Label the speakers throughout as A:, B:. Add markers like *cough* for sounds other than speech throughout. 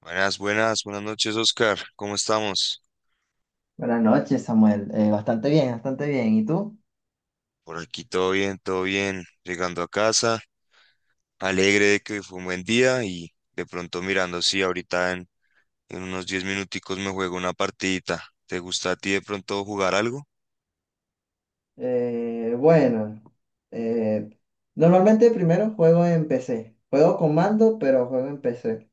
A: Buenas, buenas, buenas noches, Oscar. ¿Cómo estamos?
B: Buenas noches, Samuel. Bastante bien, bastante bien. ¿Y tú?
A: Por aquí todo bien, todo bien. Llegando a casa, alegre de que hoy fue un buen día y de pronto mirando, sí, ahorita en unos 10 minuticos me juego una partidita. ¿Te gusta a ti de pronto jugar algo?
B: Bueno, eh, normalmente primero juego en PC. Juego con mando, pero juego en PC.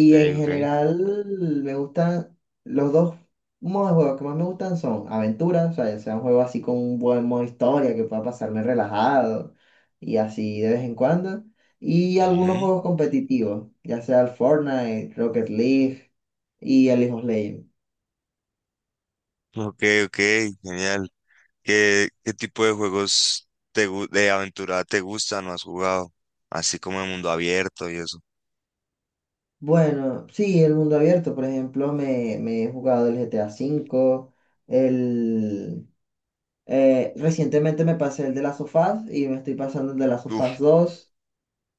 A: Ok,
B: en
A: ok.
B: general me gustan los dos modos de juego que más me gustan son aventuras, o sea, ya sea un juego así con un buen modo historia que pueda pasarme relajado y así de vez en cuando. Y algunos
A: Ujú.
B: juegos competitivos, ya sea el Fortnite, Rocket League y el League of Legends.
A: Ok, ok, genial. ¿Qué tipo de juegos de aventura te gustan o has jugado? Así como el mundo abierto y eso.
B: Bueno, sí, el mundo abierto, por ejemplo, me he jugado el GTA V, el, recientemente me pasé el de las sofás y me estoy pasando el de las sofás
A: Uf,
B: dos.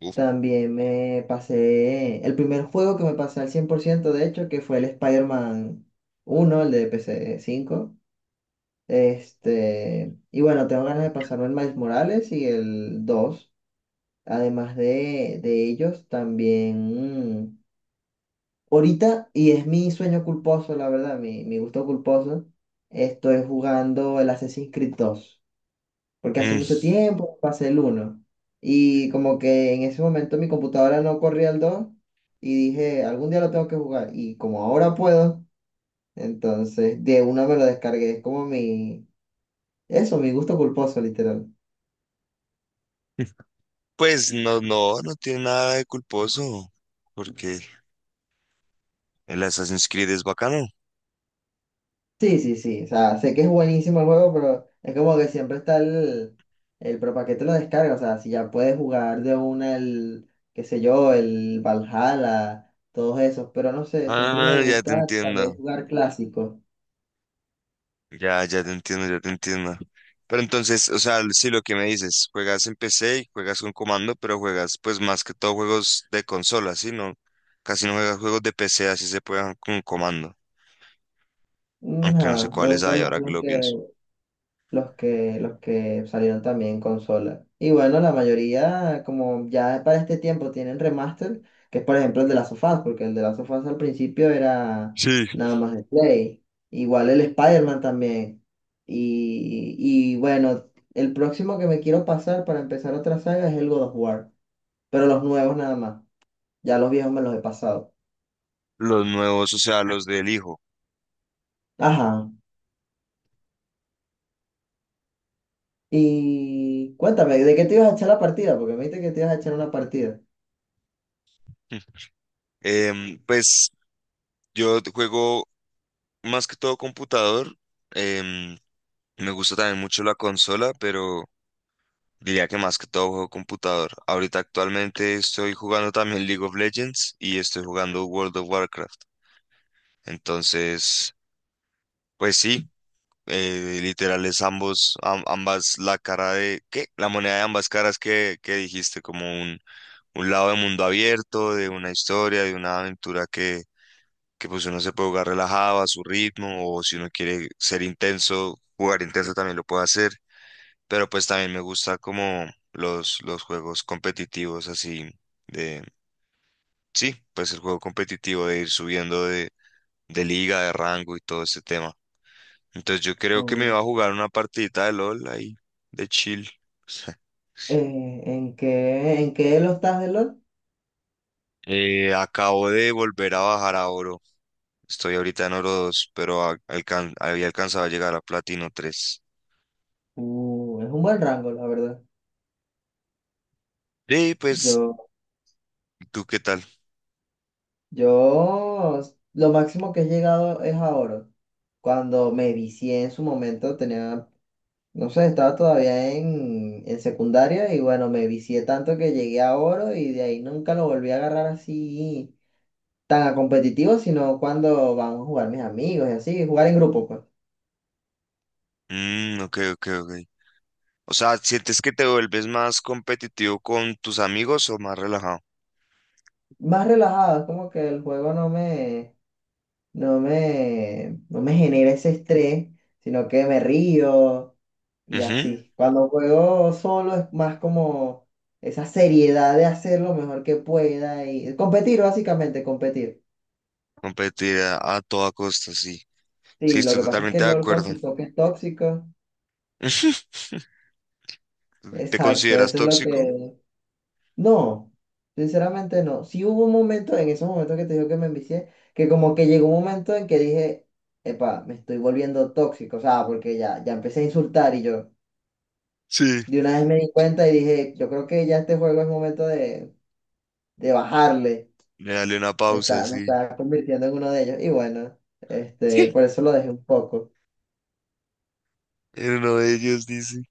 A: uf.
B: También me pasé el primer juego que me pasé al 100% de hecho, que fue el Spider-Man 1, el de pc cinco. Y bueno, tengo ganas de pasarme el Miles Morales y el dos. Además de ellos, también... Ahorita, y es mi sueño culposo, la verdad, mi gusto culposo, estoy jugando el Assassin's Creed 2 porque hace mucho tiempo pasé el uno y como que en ese momento mi computadora no corría el 2 y dije, algún día lo tengo que jugar, y como ahora puedo, entonces de una me lo descargué, es como mi, eso, mi gusto culposo, literal.
A: Pues no, no, no tiene nada de culposo, porque el Assassin's Creed es bacano.
B: Sí, sí, sí. O sea, sé que es buenísimo el juego, pero es como que siempre está el pero ¿para qué te lo descargas? O sea, si ya puedes jugar de una el, qué sé yo, el Valhalla, todos esos, pero no sé, siempre me
A: Ah, ya
B: gusta
A: te
B: tal
A: entiendo,
B: vez jugar clásicos.
A: ya te entiendo, ya te entiendo. Pero entonces, o sea, sí, lo que me dices, juegas en PC y juegas con comando, pero juegas pues más que todo juegos de consola, ¿sí? No, casi no juegas juegos de PC, así se juegan con comando, aunque no sé
B: Ajá, me
A: cuáles
B: gustan
A: hay
B: más
A: ahora que lo pienso.
B: los que salieron también en consola. Y bueno, la mayoría, como ya para este tiempo tienen remaster, que es por ejemplo el de Last of Us, porque el de Last of Us al principio era
A: Sí.
B: nada más de Play. Igual el Spider-Man también. Y bueno, el próximo que me quiero pasar para empezar otra saga es el God of War, pero los nuevos nada más. Ya los viejos me los he pasado.
A: Los nuevos, o sea, los del hijo.
B: Ajá. Y cuéntame, ¿de qué te ibas a echar la partida? Porque me dijiste que te ibas a echar una partida.
A: *laughs* Pues yo juego más que todo computador. em, Me gusta también mucho la consola, pero diría que más que todo juego computador. Ahorita actualmente estoy jugando también League of Legends y estoy jugando World of Warcraft. Entonces, pues sí, literal es ambos, ambas la cara de, ¿qué? La moneda de ambas caras que dijiste, como un lado de mundo abierto, de una historia, de una aventura que pues uno se puede jugar relajado a su ritmo, o si uno quiere ser intenso, jugar intenso también lo puede hacer. Pero pues también me gusta como los juegos competitivos así de, sí, pues el juego competitivo de ir subiendo de, liga, de rango y todo ese tema. Entonces yo creo que me va a jugar una partidita de LOL ahí, de chill. *laughs*
B: ¿En qué elo estás de LOL?
A: Acabo de volver a bajar a oro. Estoy ahorita en oro 2 pero había alcanzado a llegar a platino tres.
B: Es un buen rango, la verdad.
A: Sí, pues,
B: Yo,
A: ¿tú qué tal?
B: lo máximo que he llegado es a oro. Cuando me vicié en su momento, tenía, no sé, estaba todavía en secundaria y bueno, me vicié tanto que llegué a oro y de ahí nunca lo volví a agarrar así tan a competitivo, sino cuando vamos a jugar mis amigos y así, jugar en grupo, pues.
A: Mm, ok, ok, ok. O sea, ¿sientes que te vuelves más competitivo con tus amigos o más relajado?
B: Más relajado, es como que el juego no me genera ese estrés, sino que me río y
A: Ujú.
B: así. Cuando juego solo es más como esa seriedad de hacer lo mejor que pueda y competir, básicamente, competir.
A: Competir a toda costa, sí. Sí,
B: Sí, lo
A: estoy
B: que pasa es que
A: totalmente
B: el
A: de
B: LOL con
A: acuerdo.
B: su toque tóxico,
A: *laughs* ¿Te
B: exacto,
A: consideras
B: eso es lo
A: tóxico?
B: que... No, sinceramente no. Sí hubo un momento, en esos momentos que te digo que me envicié, que como que llegó un momento en que dije, epa, me estoy volviendo tóxico, o sea, porque ya empecé a insultar y yo...
A: Sí.
B: De una vez me di cuenta y dije, yo creo que ya este juego es momento de bajarle.
A: Le dale una pausa,
B: Me
A: sí.
B: está convirtiendo en uno de ellos. Y bueno, este, por
A: *laughs*
B: eso lo dejé un poco.
A: En uno de ellos dice.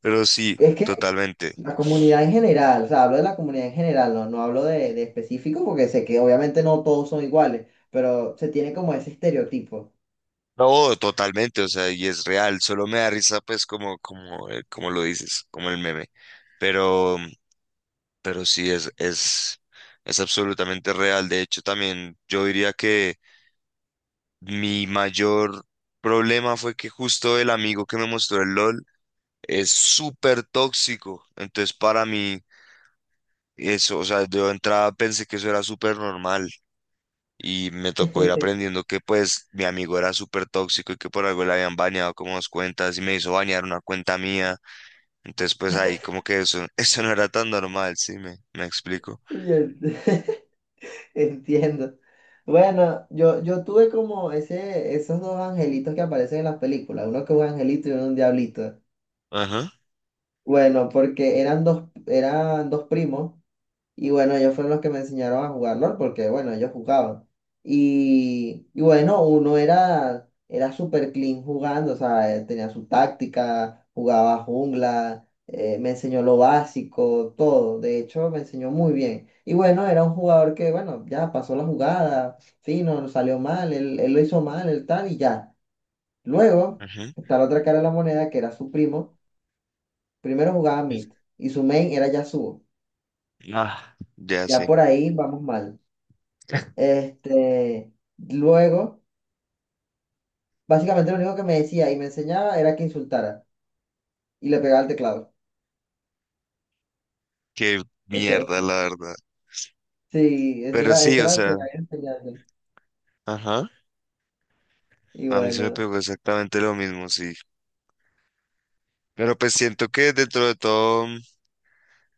A: Pero sí,
B: Es que
A: totalmente.
B: la comunidad en general, o sea, hablo de la comunidad en general, no, no hablo de específico porque sé que obviamente no todos son iguales, pero se tiene como ese estereotipo.
A: No, totalmente, o sea, y es real. Solo me da risa, pues, como lo dices, como el meme. Pero. Pero sí es absolutamente real. De hecho, también yo diría que mi mayor problema fue que justo el amigo que me mostró el LOL es súper tóxico. Entonces, para mí, eso, o sea, yo de entrada pensé que eso era súper normal. Y me tocó ir
B: *laughs*
A: aprendiendo que pues mi amigo era súper tóxico y que por algo le habían bañado como dos cuentas y me hizo bañar una cuenta mía. Entonces pues ahí como que eso, *laughs* eso no era tan normal, sí, me explico.
B: Y el- *laughs* Entiendo. Bueno, yo tuve como esos dos angelitos que aparecen en las películas, uno que es un angelito y uno un diablito.
A: Ajá,
B: Bueno, porque eran dos primos y bueno, ellos fueron los que me enseñaron a jugar LOL porque bueno, ellos jugaban. Y bueno, uno era súper clean jugando, o sea, él tenía su táctica, jugaba jungla, me enseñó lo básico, todo. De hecho, me enseñó muy bien. Y bueno, era un jugador que, bueno, ya pasó la jugada, fino, no salió mal, él lo hizo mal, el tal y ya. Luego
A: ajá.
B: está la otra cara de la moneda que era su primo. Primero jugaba mid y su main era Yasuo.
A: Ah, ya
B: Ya
A: sé.
B: por ahí vamos mal. Este, Luego, básicamente lo único que me decía y me enseñaba era que insultara y le pegaba al teclado.
A: Qué
B: Eso,
A: mierda,
B: eso.
A: la verdad.
B: Sí,
A: Pero sí,
B: esa
A: o
B: era su
A: sea,
B: gran enseñanza.
A: ajá.
B: Y
A: A mí se me
B: bueno,
A: pegó exactamente lo mismo, sí. Pero pues siento que dentro de todo,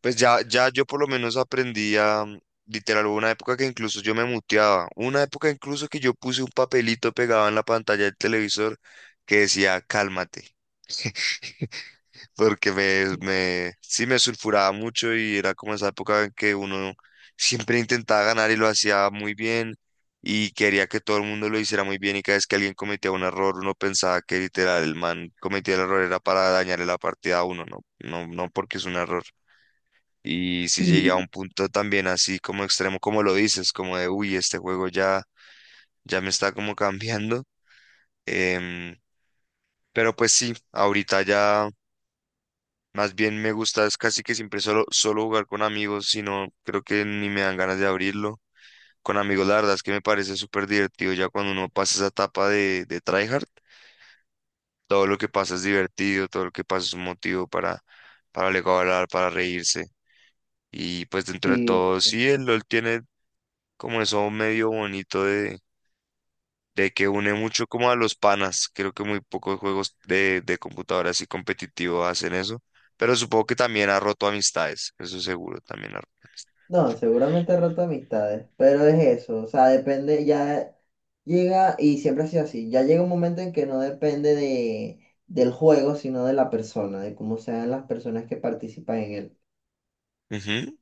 A: pues ya yo por lo menos aprendí a, literal, hubo una época que incluso yo me muteaba. Una época incluso que yo puse un papelito pegado en la pantalla del televisor que decía, cálmate. Porque sí me sulfuraba mucho y era como esa época en que uno siempre intentaba ganar y lo hacía muy bien y quería que todo el mundo lo hiciera muy bien, y cada vez que alguien cometía un error uno pensaba que literal el man cometía el error era para dañarle la partida a uno, no, no, no porque es un error. Y si llegué a
B: sí,
A: un punto también así como extremo, como lo dices, como de, uy, este juego ya, me está como *laughs* cambiando. em, pero pues sí, ahorita ya más bien me gusta, es casi que siempre solo jugar con amigos, sino creo que ni me dan ganas de abrirlo. Con amigos, la verdad es que me parece súper divertido ya cuando uno pasa esa etapa de, tryhard. Todo lo que pasa es divertido, todo lo que pasa es un motivo para luego hablar, para reírse. Y pues dentro de
B: sí.
A: todo, sí, el LOL tiene como eso medio bonito de que une mucho como a los panas. Creo que muy pocos juegos de computadora así competitivo hacen eso, pero supongo que también ha roto amistades, eso seguro, también ha roto
B: No, seguramente he roto amistades, pero es eso. O sea, depende, ya llega y siempre ha sido así. Ya llega un momento en que no depende del juego, sino de la persona, de cómo sean las personas que participan en él.
A: amistades. Ujú.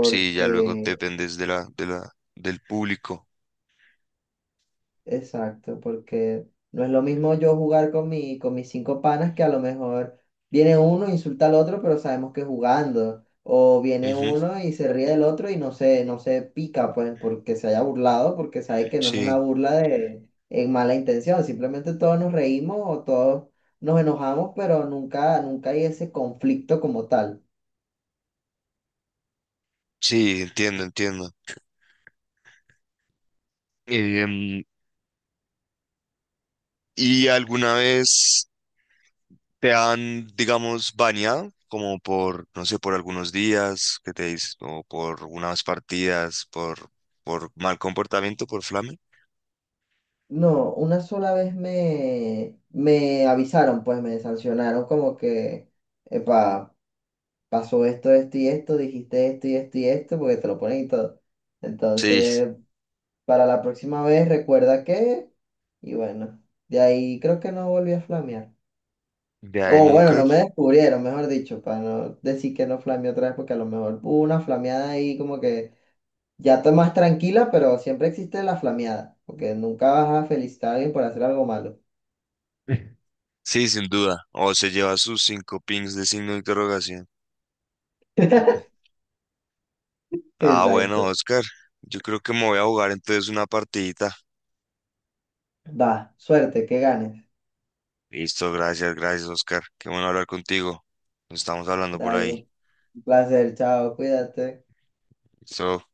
A: Sí, ya luego dependes de la, del público.
B: Exacto, porque no es lo mismo yo jugar con con mis cinco panas que a lo mejor viene uno, insulta al otro, pero sabemos que es jugando. O viene
A: Ujú.
B: uno y se ríe del otro y no se pica, pues, porque se haya burlado, porque sabe que no es
A: Sí,
B: una burla de en mala intención. Simplemente todos nos reímos o todos nos enojamos, pero nunca, nunca hay ese conflicto como tal.
A: sí, entiendo, entiendo. Em, ¿Y alguna vez te han, digamos, baneado? Como por, no sé, por algunos días que te dices, o por unas partidas, por mal comportamiento, por flame.
B: No, una sola vez me avisaron, pues me sancionaron como que, pasó esto, esto y esto, dijiste esto y esto y esto, porque te lo ponen y todo.
A: Sí.
B: Entonces, para la próxima vez, recuerda que, y bueno, de ahí creo que no volví a flamear.
A: De ahí
B: O bueno,
A: nunca.
B: no me descubrieron, mejor dicho, para no decir que no flameé otra vez, porque a lo mejor hubo una flameada ahí como que ya está más tranquila, pero siempre existe la flameada, porque nunca vas a felicitar a alguien por hacer algo malo.
A: *laughs* Sí, sin duda. O se lleva sus cinco pings de signo de interrogación.
B: *laughs*
A: Ah, bueno,
B: Exacto.
A: Oscar. Yo creo que me voy a jugar entonces una partidita.
B: Va, suerte, que ganes.
A: Listo, gracias, gracias, Oscar. Qué bueno hablar contigo. Nos estamos hablando por
B: Dale,
A: ahí.
B: un placer, chao, cuídate.
A: Listo.